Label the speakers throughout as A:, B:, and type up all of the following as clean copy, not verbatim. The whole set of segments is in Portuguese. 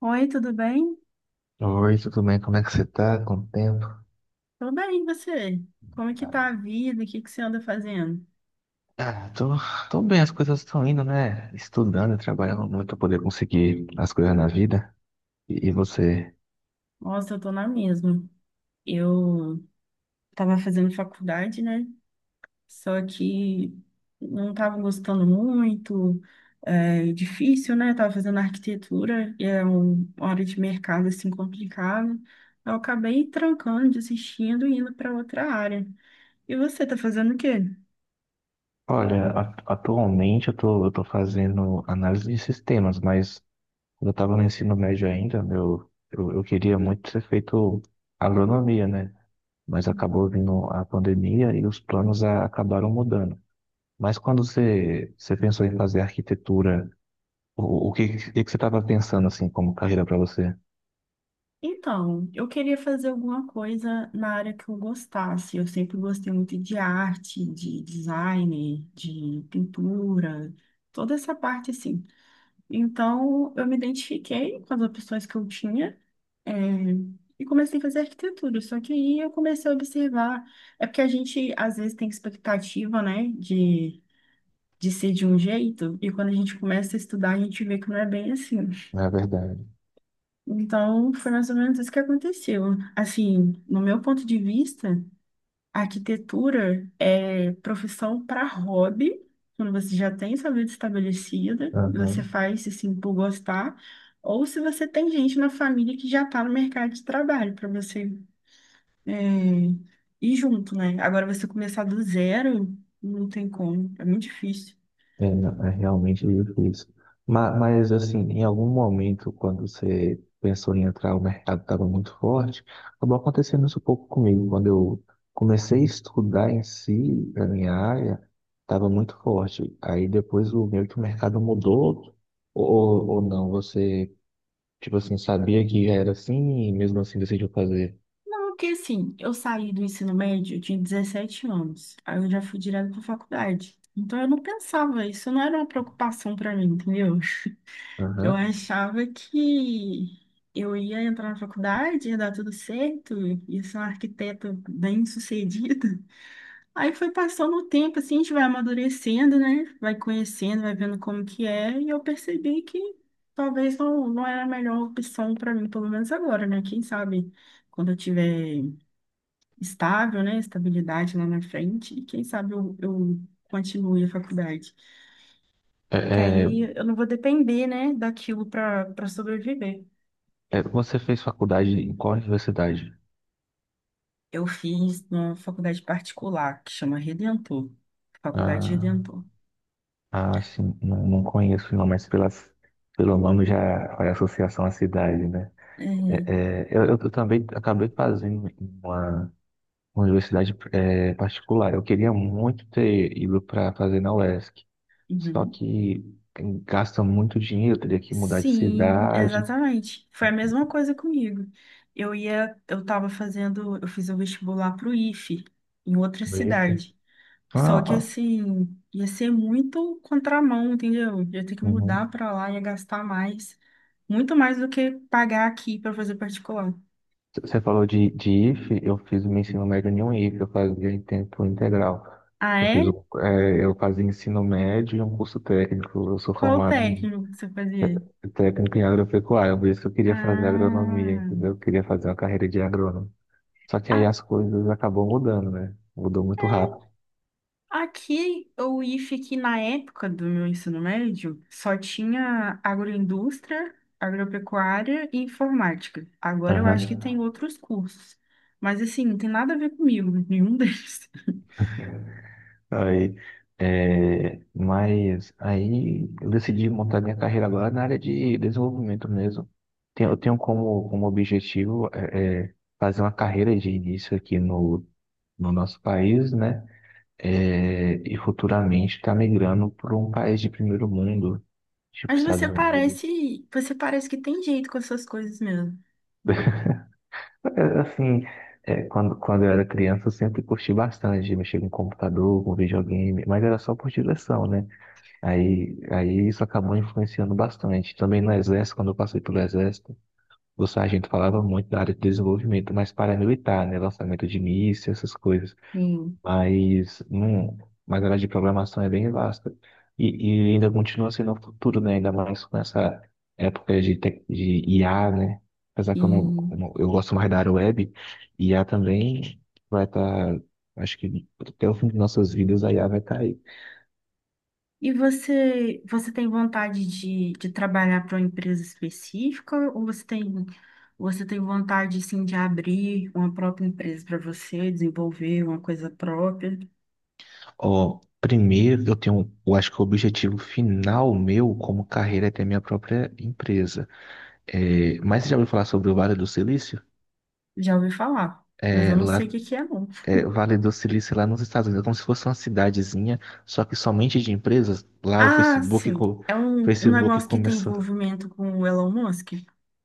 A: Oi, tudo bem?
B: Oi, tudo bem? Como é que você tá? Quanto tempo?
A: Tudo bem, e você? Como é que tá a vida? O que que você anda fazendo?
B: Ah, tô bem, as coisas estão indo, né? Estudando, e trabalhando muito pra poder conseguir as coisas na vida. E você?
A: Nossa, eu tô na mesma. Eu tava fazendo faculdade, né? Só que não tava gostando muito, é difícil, né? Tava fazendo arquitetura e é uma área de mercado assim complicada. Eu acabei trancando, desistindo e indo para outra área. E você tá fazendo o quê?
B: Olha, atualmente eu tô fazendo análise de sistemas, mas quando eu tava no ensino médio ainda, meu, eu queria muito ter feito agronomia, né? Mas acabou vindo a pandemia e os planos acabaram mudando. Mas quando você pensou em fazer arquitetura, o que que você estava pensando assim como carreira para você?
A: Então, eu queria fazer alguma coisa na área que eu gostasse. Eu sempre gostei muito de arte, de design, de pintura, toda essa parte assim. Então, eu me identifiquei com as opções que eu tinha, eh, e comecei a fazer arquitetura. Só que aí eu comecei a observar. É porque a gente, às vezes, tem expectativa, né, de ser de um jeito, e quando a gente começa a estudar, a gente vê que não é bem assim.
B: Na verdade.
A: Então, foi mais ou menos isso que aconteceu. Assim, no meu ponto de vista, a arquitetura é profissão para hobby, quando você já tem sua vida estabelecida, você
B: Aham.
A: faz assim por gostar, ou se você tem gente na família que já está no mercado de trabalho, para você é, ir junto, né? Agora, você começar do zero, não tem como, é muito difícil.
B: É, não, é realmente difícil. Mas assim, em algum momento, quando você pensou em entrar, o mercado estava muito forte. Acabou acontecendo isso um pouco comigo. Quando eu comecei a estudar em si, a minha área, estava muito forte. Aí depois o meio que o mercado mudou, ou não? Você, tipo assim, sabia que era assim e mesmo assim decidiu fazer?
A: Porque assim, eu saí do ensino médio, eu tinha 17 anos. Aí eu já fui direto para faculdade. Então eu não pensava, isso não era uma preocupação para mim, entendeu? Eu
B: Aham.
A: achava que eu ia entrar na faculdade, ia dar tudo certo, ia ser uma arquiteta bem-sucedida. Aí foi passando o tempo, assim, a gente vai amadurecendo, né? Vai conhecendo, vai vendo como que é, e eu percebi que talvez não, não era a melhor opção para mim, pelo menos agora, né? Quem sabe quando eu tiver estável, né? Estabilidade lá na frente, e quem sabe eu continue a faculdade.
B: É,
A: Que
B: é,
A: aí eu não vou depender, né, daquilo para sobreviver.
B: É, você fez faculdade em qual universidade?
A: Eu fiz numa faculdade particular, que chama Redentor, Faculdade
B: Ah,
A: Redentor.
B: ah sim, não conheço não, pelo nome já faz associação à cidade, né?
A: É.
B: É, é, eu também acabei fazendo em uma uma universidade particular. Eu queria muito ter ido para fazer na UESC, só
A: Uhum.
B: que gasta muito dinheiro, teria que mudar de
A: Sim,
B: cidade.
A: exatamente. Foi a mesma coisa comigo. Eu ia, eu estava fazendo, eu fiz o vestibular para o IFE, em outra
B: Vixe.
A: cidade.
B: Ah,
A: Só que
B: ah,
A: assim, ia ser muito contramão, entendeu? Ia ter que
B: uhum.
A: mudar para lá, ia gastar mais, muito mais do que pagar aqui para fazer particular.
B: Você falou de IF, eu fiz o meu ensino médio em um IF, eu fazia em tempo integral.
A: Ah,
B: Eu fiz,
A: é?
B: eu fazia ensino médio e um curso técnico. Eu sou
A: Qual o
B: formado em
A: técnico que você fazia?
B: técnico em agropecuária, por isso que eu queria fazer agronomia,
A: Ah,
B: entendeu? Eu queria fazer uma carreira de agrônomo. Só que aí
A: a-
B: as coisas acabam mudando, né? Mudou muito rápido.
A: aqui o IF aqui na época do meu ensino médio só tinha agroindústria, agropecuária e informática. Agora eu acho que tem
B: Aham.
A: outros cursos, mas assim, não tem nada a ver comigo, nenhum deles.
B: Aí, mas aí eu decidi montar minha carreira agora na área de desenvolvimento mesmo. Eu tenho como objetivo fazer uma carreira de início aqui no, no nosso país, né? É, e futuramente estar migrando para um país de primeiro mundo, tipo
A: Mas você
B: Estados Unidos.
A: parece, você parece que tem jeito com essas coisas mesmo.
B: É, assim, quando, quando eu era criança, eu sempre curti bastante mexer com computador, com videogame, mas era só por diversão, né? Aí isso acabou influenciando bastante. Também no exército, quando eu passei pelo exército, o sargento falava muito da área de desenvolvimento, mas paramilitar, né? Lançamento de mísseis, essas coisas.
A: Sim.
B: Mas, hum, mas a área de programação é bem vasta. E ainda continua sendo o futuro, né? Ainda mais com essa época de IA, né? Apesar
A: E,
B: que eu eu gosto mais da área web, IA também vai estar, acho que até o fim de nossas vidas a IA vai estar aí.
A: e você tem vontade de trabalhar para uma empresa específica ou você tem vontade assim de abrir uma própria empresa para você, desenvolver uma coisa própria?
B: Ó, primeiro eu tenho, eu acho que o objetivo final meu como carreira é ter minha própria empresa. É, mas você já ouviu falar sobre o Vale do Silício?
A: Já ouvi falar, mas eu
B: É,
A: não
B: lá,
A: sei o que que é não.
B: o Vale do Silício lá nos Estados Unidos, é como se fosse uma cidadezinha, só que somente de empresas. Lá o
A: Ah, sim, é um
B: Facebook
A: negócio que tem
B: começou.
A: envolvimento com o Elon Musk.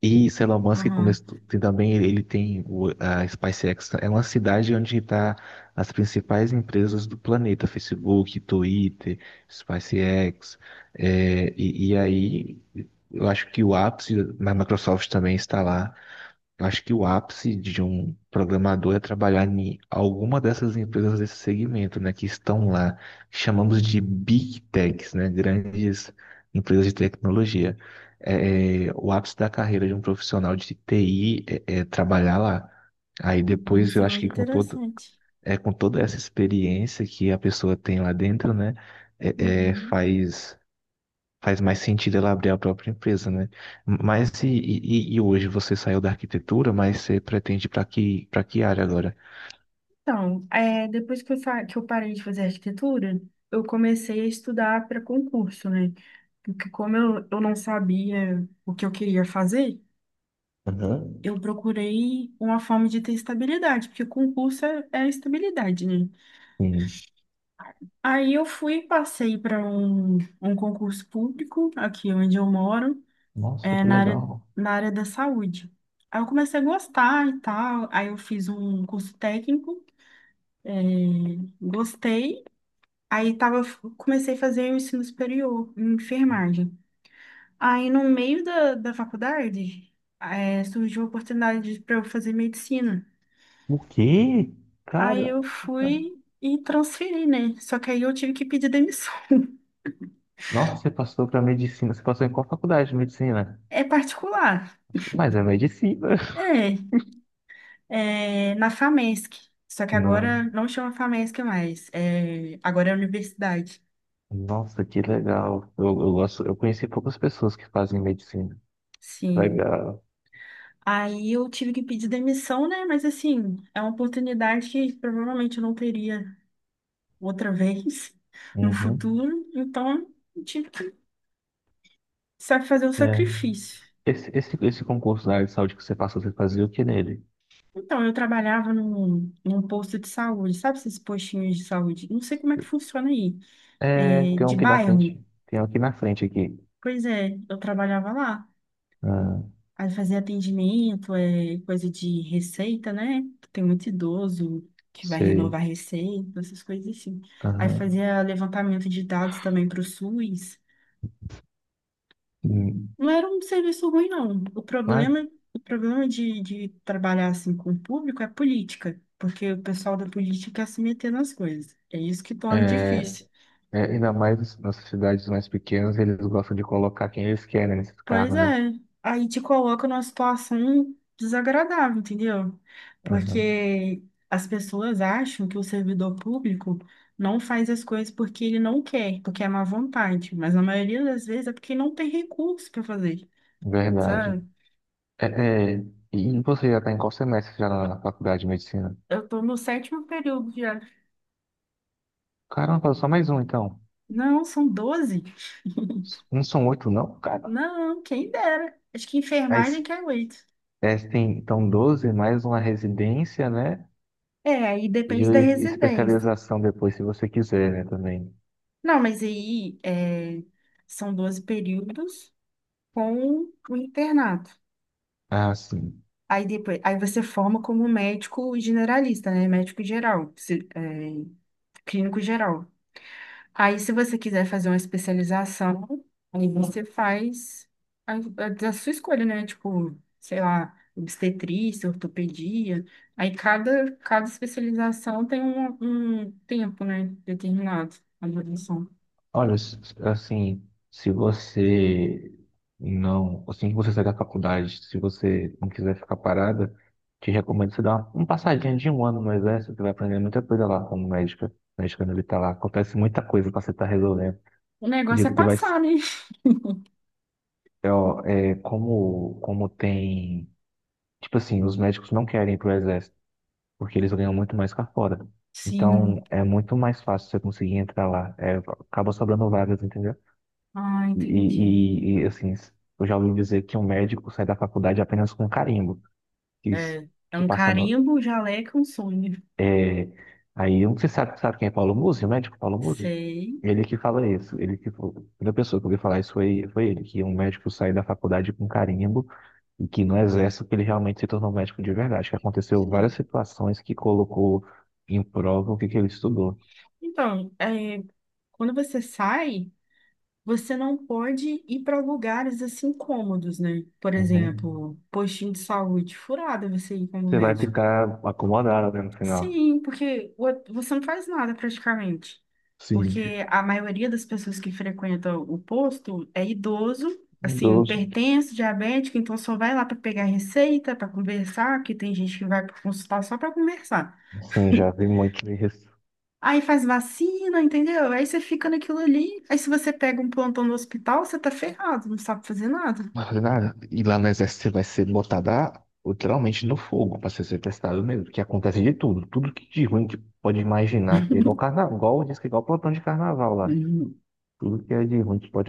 B: E esse Elon Musk
A: Uhum.
B: começou, tem também ele tem a SpaceX, é uma cidade onde está as principais empresas do planeta, Facebook, Twitter, SpaceX, e aí eu acho que o ápice da Microsoft também está lá. Eu acho que o ápice de um programador é trabalhar em alguma dessas empresas desse segmento, né, que estão lá, que chamamos de Big Techs, né, grandes empresas de tecnologia. O ápice da carreira de um profissional de TI é trabalhar lá. Aí depois
A: Nossa,
B: eu acho
A: muito
B: que
A: interessante.
B: com toda essa experiência que a pessoa tem lá dentro, né, é, é,
A: Uhum.
B: faz faz mais sentido ela abrir a própria empresa, né? Mas e hoje você saiu da arquitetura, mas você pretende para que área agora?
A: Então, depois que eu parei de fazer arquitetura, eu comecei a estudar para concurso, né? Porque como eu não sabia o que eu queria fazer,
B: Uhum.
A: eu procurei uma forma de ter estabilidade, porque concurso é estabilidade, né?
B: Sim.
A: Aí eu fui, passei para um concurso público, aqui onde eu moro,
B: Nossa,
A: é,
B: que
A: na área,
B: legal.
A: na área da saúde. Aí eu comecei a gostar e tal, aí eu fiz um curso técnico, gostei. Aí tava, Comecei a fazer o ensino superior em enfermagem. Aí no meio da faculdade, surgiu a oportunidade para eu fazer medicina.
B: O quê?
A: Aí
B: Cara,
A: eu fui e transferi, né? Só que aí eu tive que pedir demissão.
B: nossa, você passou para medicina. Você passou em qual faculdade de medicina?
A: É particular.
B: Mas é medicina.
A: É, é na FAMESC. Só que agora
B: Não.
A: não chama FAMESC mais. É, agora é universidade.
B: Nossa, que legal. Eu gosto, eu conheci poucas pessoas que fazem medicina.
A: Sim.
B: Legal.
A: Aí eu tive que pedir demissão, né? Mas assim, é uma oportunidade que provavelmente eu não teria outra vez no
B: Uhum.
A: futuro, então eu tive que fazer o
B: É.
A: sacrifício.
B: Esse concurso da área de saúde que você passou, você fazia o que nele?
A: Então, eu trabalhava num posto de saúde, sabe esses postinhos de saúde? Não sei como é que funciona aí,
B: É, tem um
A: de
B: aqui na
A: bairro.
B: frente. Tem um aqui na frente aqui.
A: Pois é, eu trabalhava lá.
B: Ah,
A: Aí fazia atendimento, coisa de receita, né? Tem muito idoso que vai
B: sei.
A: renovar receita, essas coisas assim. Aí
B: Aham.
A: fazia levantamento de dados também para o SUS.
B: Hum,
A: Não era um serviço ruim, não. O
B: mas,
A: problema, o problema de trabalhar assim com o público é política, porque o pessoal da política quer se meter nas coisas. É isso que torna
B: É,
A: difícil.
B: é, ainda mais nas cidades mais pequenas, eles gostam de colocar quem eles querem nesses
A: Pois
B: carros, né?
A: é, aí te coloca numa situação desagradável, entendeu?
B: Aham,
A: Porque as pessoas acham que o servidor público não faz as coisas porque ele não quer, porque é má vontade, mas na maioria das vezes é porque não tem recurso para fazer,
B: verdade.
A: sabe?
B: É, é, e você já está em qual semestre já na faculdade de medicina?
A: Eu tô no sétimo período já.
B: Caramba, só mais um então.
A: Não, são 12.
B: Não são oito, não, cara.
A: Não, quem dera. Acho que enfermagem
B: Mas
A: que aguento.
B: tem, então, 12 mais uma residência, né?
A: É, aí depende da residência.
B: Especialização depois, se você quiser, né, também.
A: Não, mas são 12 períodos com o internato.
B: Ah, sim.
A: Aí depois, aí você forma como médico generalista, né? Médico geral, clínico geral. Aí, se você quiser fazer uma especialização, aí você faz a, a da sua escolha, né? Tipo, sei lá, obstetrícia, ortopedia. Aí, cada especialização tem um tempo, né? Determinado, a duração.
B: Olha, s- assim, se você não, assim que você sair da faculdade, se você não quiser ficar parada, te recomendo você dar uma passadinha de 1 ano no exército. Você vai aprender muita coisa lá como médica, médica militar lá. Acontece muita coisa para você estar resolvendo.
A: O negócio é
B: Acredito que vai,
A: passar, né?
B: como tem, tipo assim, os médicos não querem ir pro exército, porque eles ganham muito mais cá fora.
A: Sim.
B: Então, é muito mais fácil você conseguir entrar lá. É, acaba sobrando vagas, entendeu?
A: Ah,
B: E,
A: entendi.
B: assim, eu já ouvi dizer que um médico sai da faculdade apenas com carimbo, que,
A: É, é
B: que
A: um
B: passando.
A: carimbo, um jaleco, um sonho.
B: É, aí, eu não sei se sabe, sabe quem é Paulo Musi, o médico Paulo Musi?
A: Sei.
B: Ele que fala isso, a primeira pessoa que eu ouvi falar isso foi, foi ele, que um médico sai da faculdade com carimbo e que não exerce o que ele realmente se tornou médico de verdade, que aconteceu várias situações que colocou em prova que ele estudou.
A: Então, quando você sai. Você não pode ir para lugares assim incômodos, né? Por
B: Uhum.
A: exemplo, postinho de saúde furada você ir como
B: Você vai
A: médico.
B: ficar acomodado, né, no final.
A: Sim, porque você não faz nada praticamente.
B: Sim.
A: Porque a maioria das pessoas que frequentam o posto é idoso, assim,
B: Mudou.
A: hipertenso, diabético, então só vai lá para pegar receita, para conversar, que tem gente que vai para consultar só para conversar.
B: Sim, já vi muito isso.
A: Aí faz vacina, entendeu? Aí você fica naquilo ali. Aí se você pega um plantão no hospital, você tá ferrado, não sabe fazer nada.
B: E lá no exército você vai ser botado ah, literalmente no fogo para ser testado mesmo, que acontece de tudo, tudo que de ruim que pode imaginar, que é igual carnaval, igual diz que é igual plantão de carnaval lá.
A: Uhum.
B: Tudo que é de ruim que pode